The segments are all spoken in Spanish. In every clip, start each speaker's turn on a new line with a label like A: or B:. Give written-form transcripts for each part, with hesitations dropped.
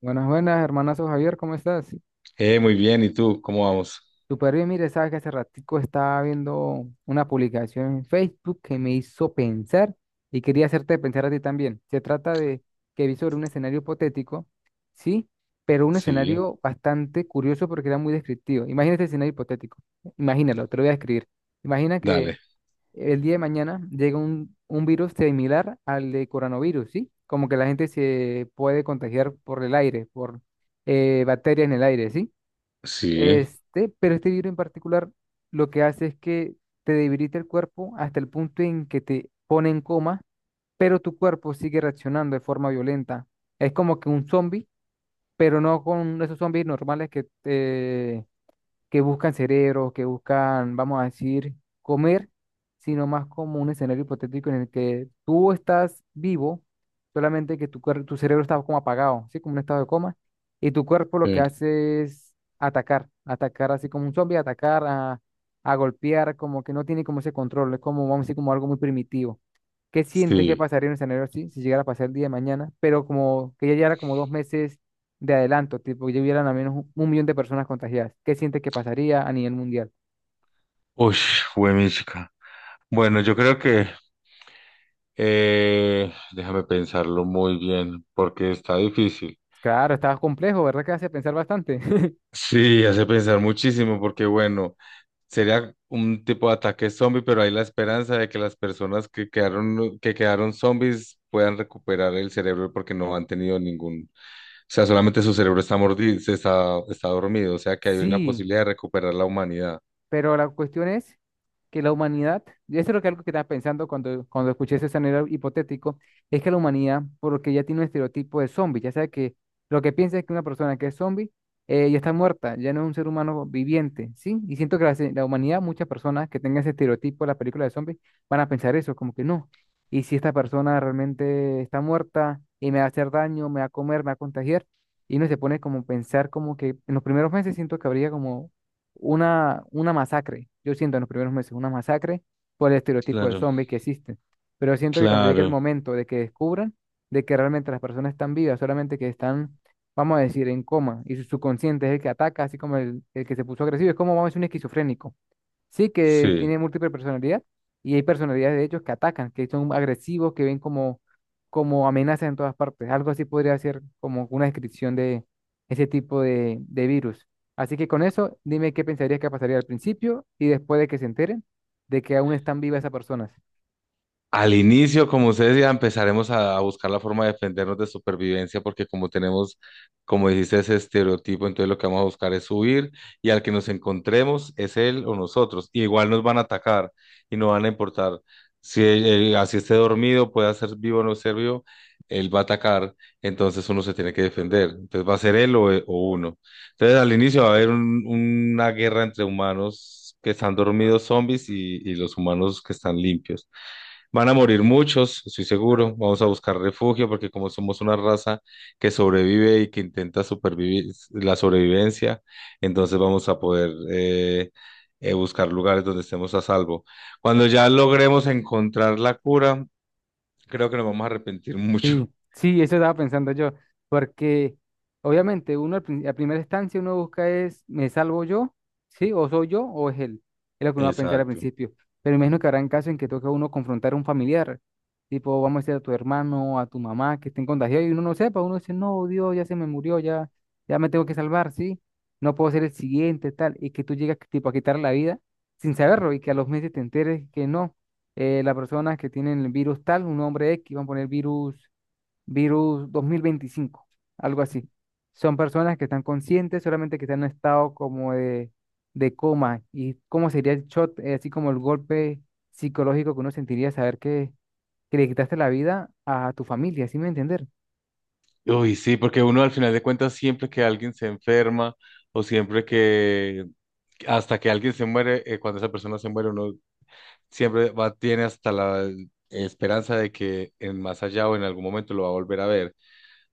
A: Buenas, buenas, hermanazo Javier, ¿cómo estás?
B: Muy bien, ¿y tú? ¿Cómo vamos?
A: Súper bien, mire, sabes que hace ratico estaba viendo una publicación en Facebook que me hizo pensar y quería hacerte pensar a ti también. Se trata de que vi sobre un escenario hipotético, sí, pero un
B: Sí,
A: escenario bastante curioso porque era muy descriptivo. Imagina este escenario hipotético, imagínalo, te lo voy a describir. Imagina que
B: dale.
A: el día de mañana llega un virus similar al de coronavirus, ¿sí? Como que la gente se puede contagiar por el aire, por bacterias en el aire, ¿sí?
B: Sí,
A: Pero este virus en particular lo que hace es que te debilita el cuerpo hasta el punto en que te pone en coma, pero tu cuerpo sigue reaccionando de forma violenta. Es como que un zombie, pero no con esos zombies normales que buscan cerebros, que buscan, vamos a decir, comer, sino más como un escenario hipotético en el que tú estás vivo, solamente que tu cerebro está como apagado, ¿sí? Como un estado de coma, y tu cuerpo lo que
B: sí,
A: hace es atacar, atacar así como un zombie, atacar a golpear, como que no tiene como ese control, es como, vamos a decir, como algo muy primitivo. ¿Qué sientes que
B: sí.
A: pasaría en un escenario así si llegara a pasar el día de mañana? Pero como que ya llevara como 2 meses de adelanto, tipo, ya hubieran al menos un millón de personas contagiadas. ¿Qué siente que pasaría a nivel mundial?
B: Uy, chica. Bueno, yo creo que déjame pensarlo muy bien porque está difícil.
A: Claro, estaba complejo, ¿verdad? Que hace pensar bastante.
B: Sí, hace pensar muchísimo porque bueno, sería un tipo de ataque zombie, pero hay la esperanza de que las personas que quedaron zombies puedan recuperar el cerebro porque no han tenido ningún. O sea, solamente su cerebro está mordido, se está, está dormido, o sea que hay una
A: Sí,
B: posibilidad de recuperar la humanidad.
A: pero la cuestión es que la humanidad, y esto es lo que algo que estaba pensando cuando escuché ese escenario hipotético, es que la humanidad, porque ya tiene un estereotipo de zombie, ya sabe que lo que piensa es que una persona que es zombie ya está muerta, ya no es un ser humano viviente, ¿sí? Y siento que la humanidad, muchas personas que tengan ese estereotipo de la película de zombies, van a pensar eso, como que no. Y si esta persona realmente está muerta y me va a hacer daño, me va a comer, me va a contagiar, y uno se pone como a pensar como que en los primeros meses siento que habría como una masacre. Yo siento en los primeros meses una masacre por el estereotipo de
B: Claro,
A: zombies que existe. Pero siento que cuando llegue el
B: claro.
A: momento de que descubran de que realmente las personas están vivas, solamente que están, vamos a decir, en coma, y su subconsciente es el que ataca, así como el que se puso agresivo, es como, vamos a decir, un esquizofrénico. Sí, que
B: Sí.
A: tiene múltiple personalidad y hay personalidades de ellos que atacan, que son agresivos, que ven como, como amenazas en todas partes. Algo así podría ser como una descripción de ese tipo de virus. Así que con eso, dime qué pensarías que pasaría al principio y después de que se enteren de que aún están vivas esas personas.
B: Al inicio, como ustedes ya empezaremos a buscar la forma de defendernos de supervivencia, porque como tenemos, como dijiste, ese estereotipo, entonces lo que vamos a buscar es huir y al que nos encontremos es él o nosotros. Y igual nos van a atacar y no van a importar si así esté dormido, pueda ser vivo o no ser vivo, él va a atacar, entonces uno se tiene que defender. Entonces va a ser él o uno. Entonces al inicio va a haber una guerra entre humanos que están dormidos, zombies y los humanos que están limpios. Van a morir muchos, estoy seguro. Vamos a buscar refugio porque como somos una raza que sobrevive y que intenta supervivir la sobrevivencia, entonces vamos a poder buscar lugares donde estemos a salvo. Cuando ya logremos encontrar la cura, creo que nos vamos a arrepentir mucho.
A: Sí, sí, eso estaba pensando yo, porque obviamente uno a primera instancia uno busca es, ¿me salvo yo? ¿Sí? ¿O soy yo? ¿O es él? Es lo que uno va a pensar al
B: Exacto.
A: principio. Pero imagino que habrán casos en que toca a uno confrontar a un familiar, tipo, vamos a decir a tu hermano, a tu mamá, que estén contagiados y uno no sepa, uno dice, no, Dios, ya se me murió, ya, ya me tengo que salvar, ¿sí? No puedo ser el siguiente, tal, y que tú llegas tipo a quitar la vida sin saberlo y que a los meses te enteres que no. La persona que tiene el virus tal, un hombre X, van a poner virus 2025 algo así. Son personas que están conscientes, solamente que están en un estado como de coma. ¿Y cómo sería el shot, así como el golpe psicológico que uno sentiría saber que le quitaste la vida a tu familia, ¿sí me entender?
B: Uy, sí, porque uno al final de cuentas siempre que alguien se enferma o siempre que hasta que alguien se muere, cuando esa persona se muere, uno siempre va, tiene hasta la esperanza de que en más allá o en algún momento lo va a volver a ver. O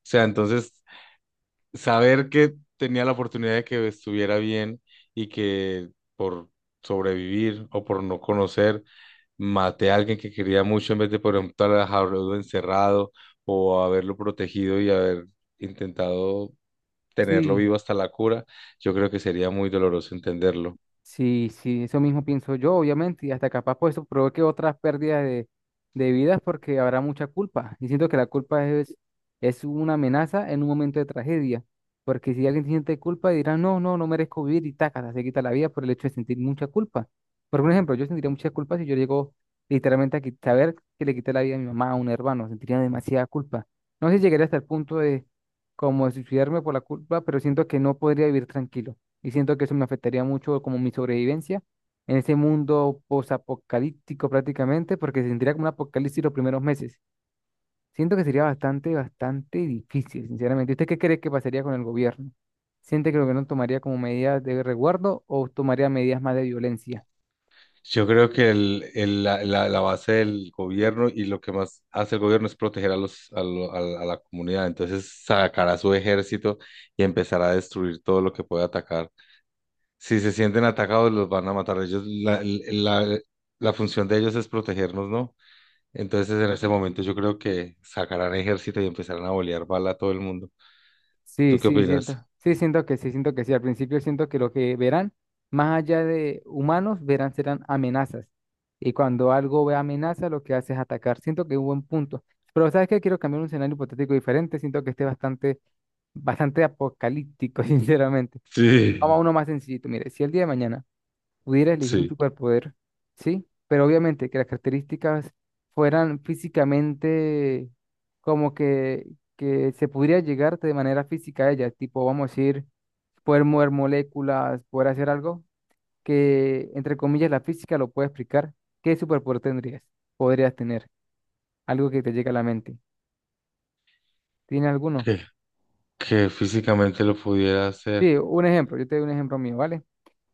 B: sea, entonces, saber que tenía la oportunidad de que estuviera bien y que por sobrevivir o por no conocer, maté a alguien que quería mucho en vez de, por ejemplo, haberlo encerrado o haberlo protegido y haber intentado tenerlo
A: Sí,
B: vivo hasta la cura, yo creo que sería muy doloroso entenderlo.
A: sí, sí, eso mismo pienso yo, obviamente, y hasta capaz pues eso provoque otras pérdidas de vidas porque habrá mucha culpa. Y siento que la culpa es una amenaza en un momento de tragedia, porque si alguien siente culpa dirá, no, no, no merezco vivir y tácata, se quita la vida por el hecho de sentir mucha culpa. Por un ejemplo, yo sentiría mucha culpa si yo llego literalmente saber que le quité la vida a mi mamá, a un hermano, sentiría demasiada culpa. No sé si llegaría hasta el punto de como de suicidarme por la culpa, pero siento que no podría vivir tranquilo y siento que eso me afectaría mucho como mi sobrevivencia en ese mundo posapocalíptico prácticamente, porque se sentiría como un apocalipsis los primeros meses. Siento que sería bastante, bastante difícil, sinceramente. ¿Usted qué cree que pasaría con el gobierno? ¿Siente que el gobierno tomaría como medidas de resguardo o tomaría medidas más de violencia?
B: Yo creo que la, la base del gobierno y lo que más hace el gobierno es proteger a los, a, lo- a la comunidad. Entonces sacará su ejército y empezará a destruir todo lo que pueda atacar. Si se sienten atacados, los van a matar. Ellos, la función de ellos es protegernos, ¿no? Entonces en ese momento yo creo que sacarán ejército y empezarán a bolear bala a todo el mundo.
A: Sí,
B: ¿Tú qué opinas?
A: sí, siento que sí, siento que sí. Al principio siento que lo que verán, más allá de humanos, verán serán amenazas. Y cuando algo ve amenaza, lo que hace es atacar. Siento que es un buen punto. Pero ¿sabes qué? Quiero cambiar un escenario hipotético diferente. Siento que esté bastante, bastante apocalíptico, sinceramente. Vamos
B: Sí,
A: a uno más sencillito. Mire, si el día de mañana pudieras elegir un
B: sí,
A: superpoder, ¿sí? Pero obviamente que las características fueran físicamente como que se pudiera llegar de manera física a ellas, tipo, vamos a decir, poder mover moléculas, poder hacer algo que, entre comillas, la física lo puede explicar. ¿Qué superpoder tendrías? Podrías tener algo que te llegue a la mente. ¿Tiene alguno?
B: que, que físicamente lo pudiera hacer.
A: Sí, un ejemplo, yo te doy un ejemplo mío, ¿vale?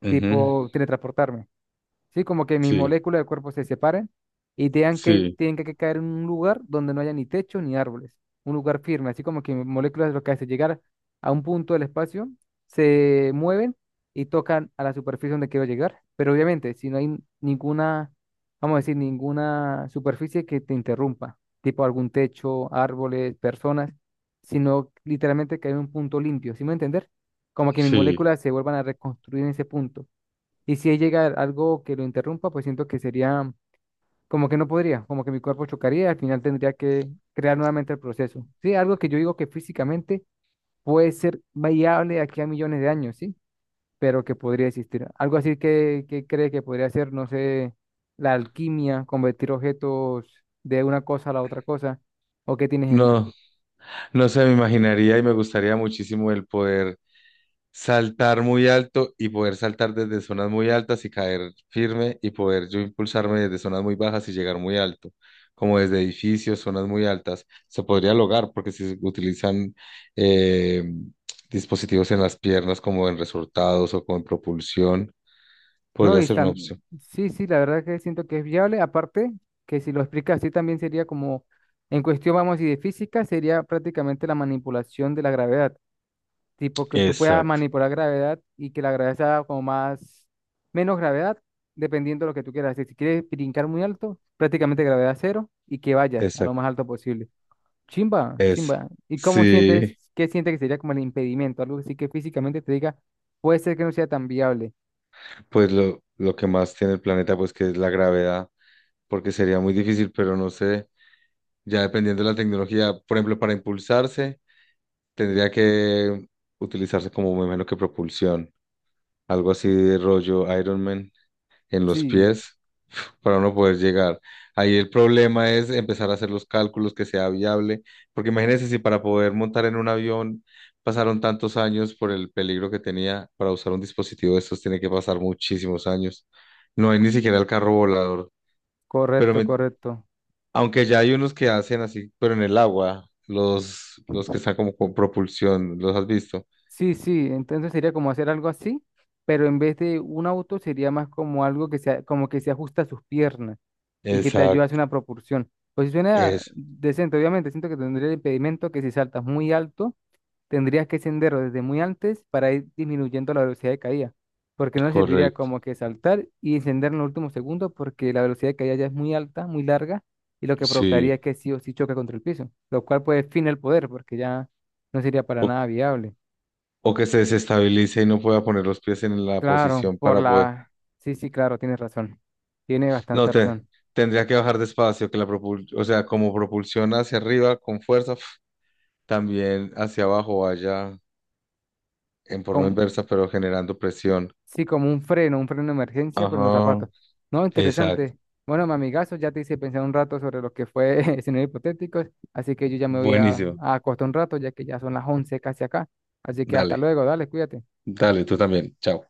B: Ujú,
A: Tipo, teletransportarme. Sí, como que mis
B: sí,
A: moléculas del cuerpo se separen y tengan que,
B: sí.
A: tienen que caer en un lugar donde no haya ni techo ni árboles, un lugar firme, así como que mis moléculas lo que hace llegar a un punto del espacio, se mueven y tocan a la superficie donde quiero llegar, pero obviamente si no hay ninguna, vamos a decir, ninguna superficie que te interrumpa, tipo algún techo, árboles, personas, sino literalmente caer en un punto limpio, ¿sí me entender? Como que mis
B: Sí,
A: moléculas se vuelvan a reconstruir en ese punto. Y si ahí llega algo que lo interrumpa, pues siento que sería como que no podría, como que mi cuerpo chocaría y al final tendría que crear nuevamente el proceso. Sí, algo que yo digo que físicamente puede ser viable de aquí a millones de años, sí, pero que podría existir. Algo así que cree que podría ser, no sé, la alquimia, convertir objetos de una cosa a la otra cosa, o qué tienes en
B: no,
A: mente.
B: no se me imaginaría y me gustaría muchísimo el poder saltar muy alto y poder saltar desde zonas muy altas y caer firme y poder yo impulsarme desde zonas muy bajas y llegar muy alto, como desde edificios, zonas muy altas. Se podría lograr porque si se utilizan eh, dispositivos en las piernas como en resultados o con propulsión,
A: No,
B: podría
A: y
B: ser una opción.
A: están, sí, sí, la verdad que siento que es viable. Aparte, que si lo explicas así también sería como, en cuestión, vamos, y de física, sería prácticamente la manipulación de la gravedad. Tipo que tú puedas
B: Exacto,
A: manipular gravedad y que la gravedad sea como más, menos gravedad, dependiendo de lo que tú quieras hacer. Si quieres brincar muy alto, prácticamente gravedad cero y que vayas a lo
B: exacto,
A: más alto posible. Chimba,
B: eso.
A: chimba. ¿Y cómo sientes,
B: Sí,
A: qué sientes que sería como el impedimento? Algo así que físicamente te diga, puede ser que no sea tan viable.
B: pues lo que más tiene el planeta, pues que es la gravedad. Porque sería muy difícil, pero no sé, ya dependiendo de la tecnología, por ejemplo, para impulsarse, tendría que utilizarse como me imagino que propulsión, algo así de rollo Iron Man en los
A: Sí.
B: pies para uno poder llegar. Ahí el problema es empezar a hacer los cálculos que sea viable, porque imagínense si para poder montar en un avión pasaron tantos años por el peligro que tenía, para usar un dispositivo de estos tiene que pasar muchísimos años. No hay ni siquiera el carro volador. Pero
A: Correcto,
B: me,
A: correcto.
B: Aunque ya hay unos que hacen así, pero en el agua, los que están como con propulsión, ¿los has visto?
A: Sí, sí, entonces sería como hacer algo así, pero en vez de un auto sería más como algo que se, como que se ajusta a sus piernas y que te ayuda a hacer
B: Exacto,
A: una propulsión. Pues suena
B: es
A: decente, obviamente, siento que tendría el impedimento que si saltas muy alto tendrías que ascender desde muy antes para ir disminuyendo la velocidad de caída, porque no le serviría
B: correcto,
A: como que saltar y descender en los últimos segundos, porque la velocidad de caída ya es muy alta, muy larga, y lo que provocaría
B: sí.
A: es que sí o sí choque contra el piso, lo cual puede fin el poder, porque ya no sería para
B: O,
A: nada viable.
B: o que se desestabilice y no pueda poner los pies en la
A: Claro,
B: posición
A: por
B: para poder.
A: la... Sí, sí, claro, tienes razón. Tiene
B: No,
A: bastante
B: te,
A: razón.
B: Tendría que bajar despacio, que o sea, como propulsión hacia arriba con fuerza, pf, también hacia abajo vaya en forma
A: Con-
B: inversa, pero generando presión.
A: Sí, como un freno de emergencia, pero en los
B: Ajá,
A: zapatos. No,
B: exacto.
A: interesante. Bueno, mi amigazo, ya te hice pensar un rato sobre lo que fue escenarios hipotéticos, así que yo ya me voy a,
B: Buenísimo.
A: a acostar un rato, ya que ya son las 11 casi acá. Así que hasta
B: Dale,
A: luego, dale, cuídate.
B: dale, tú también. Chao.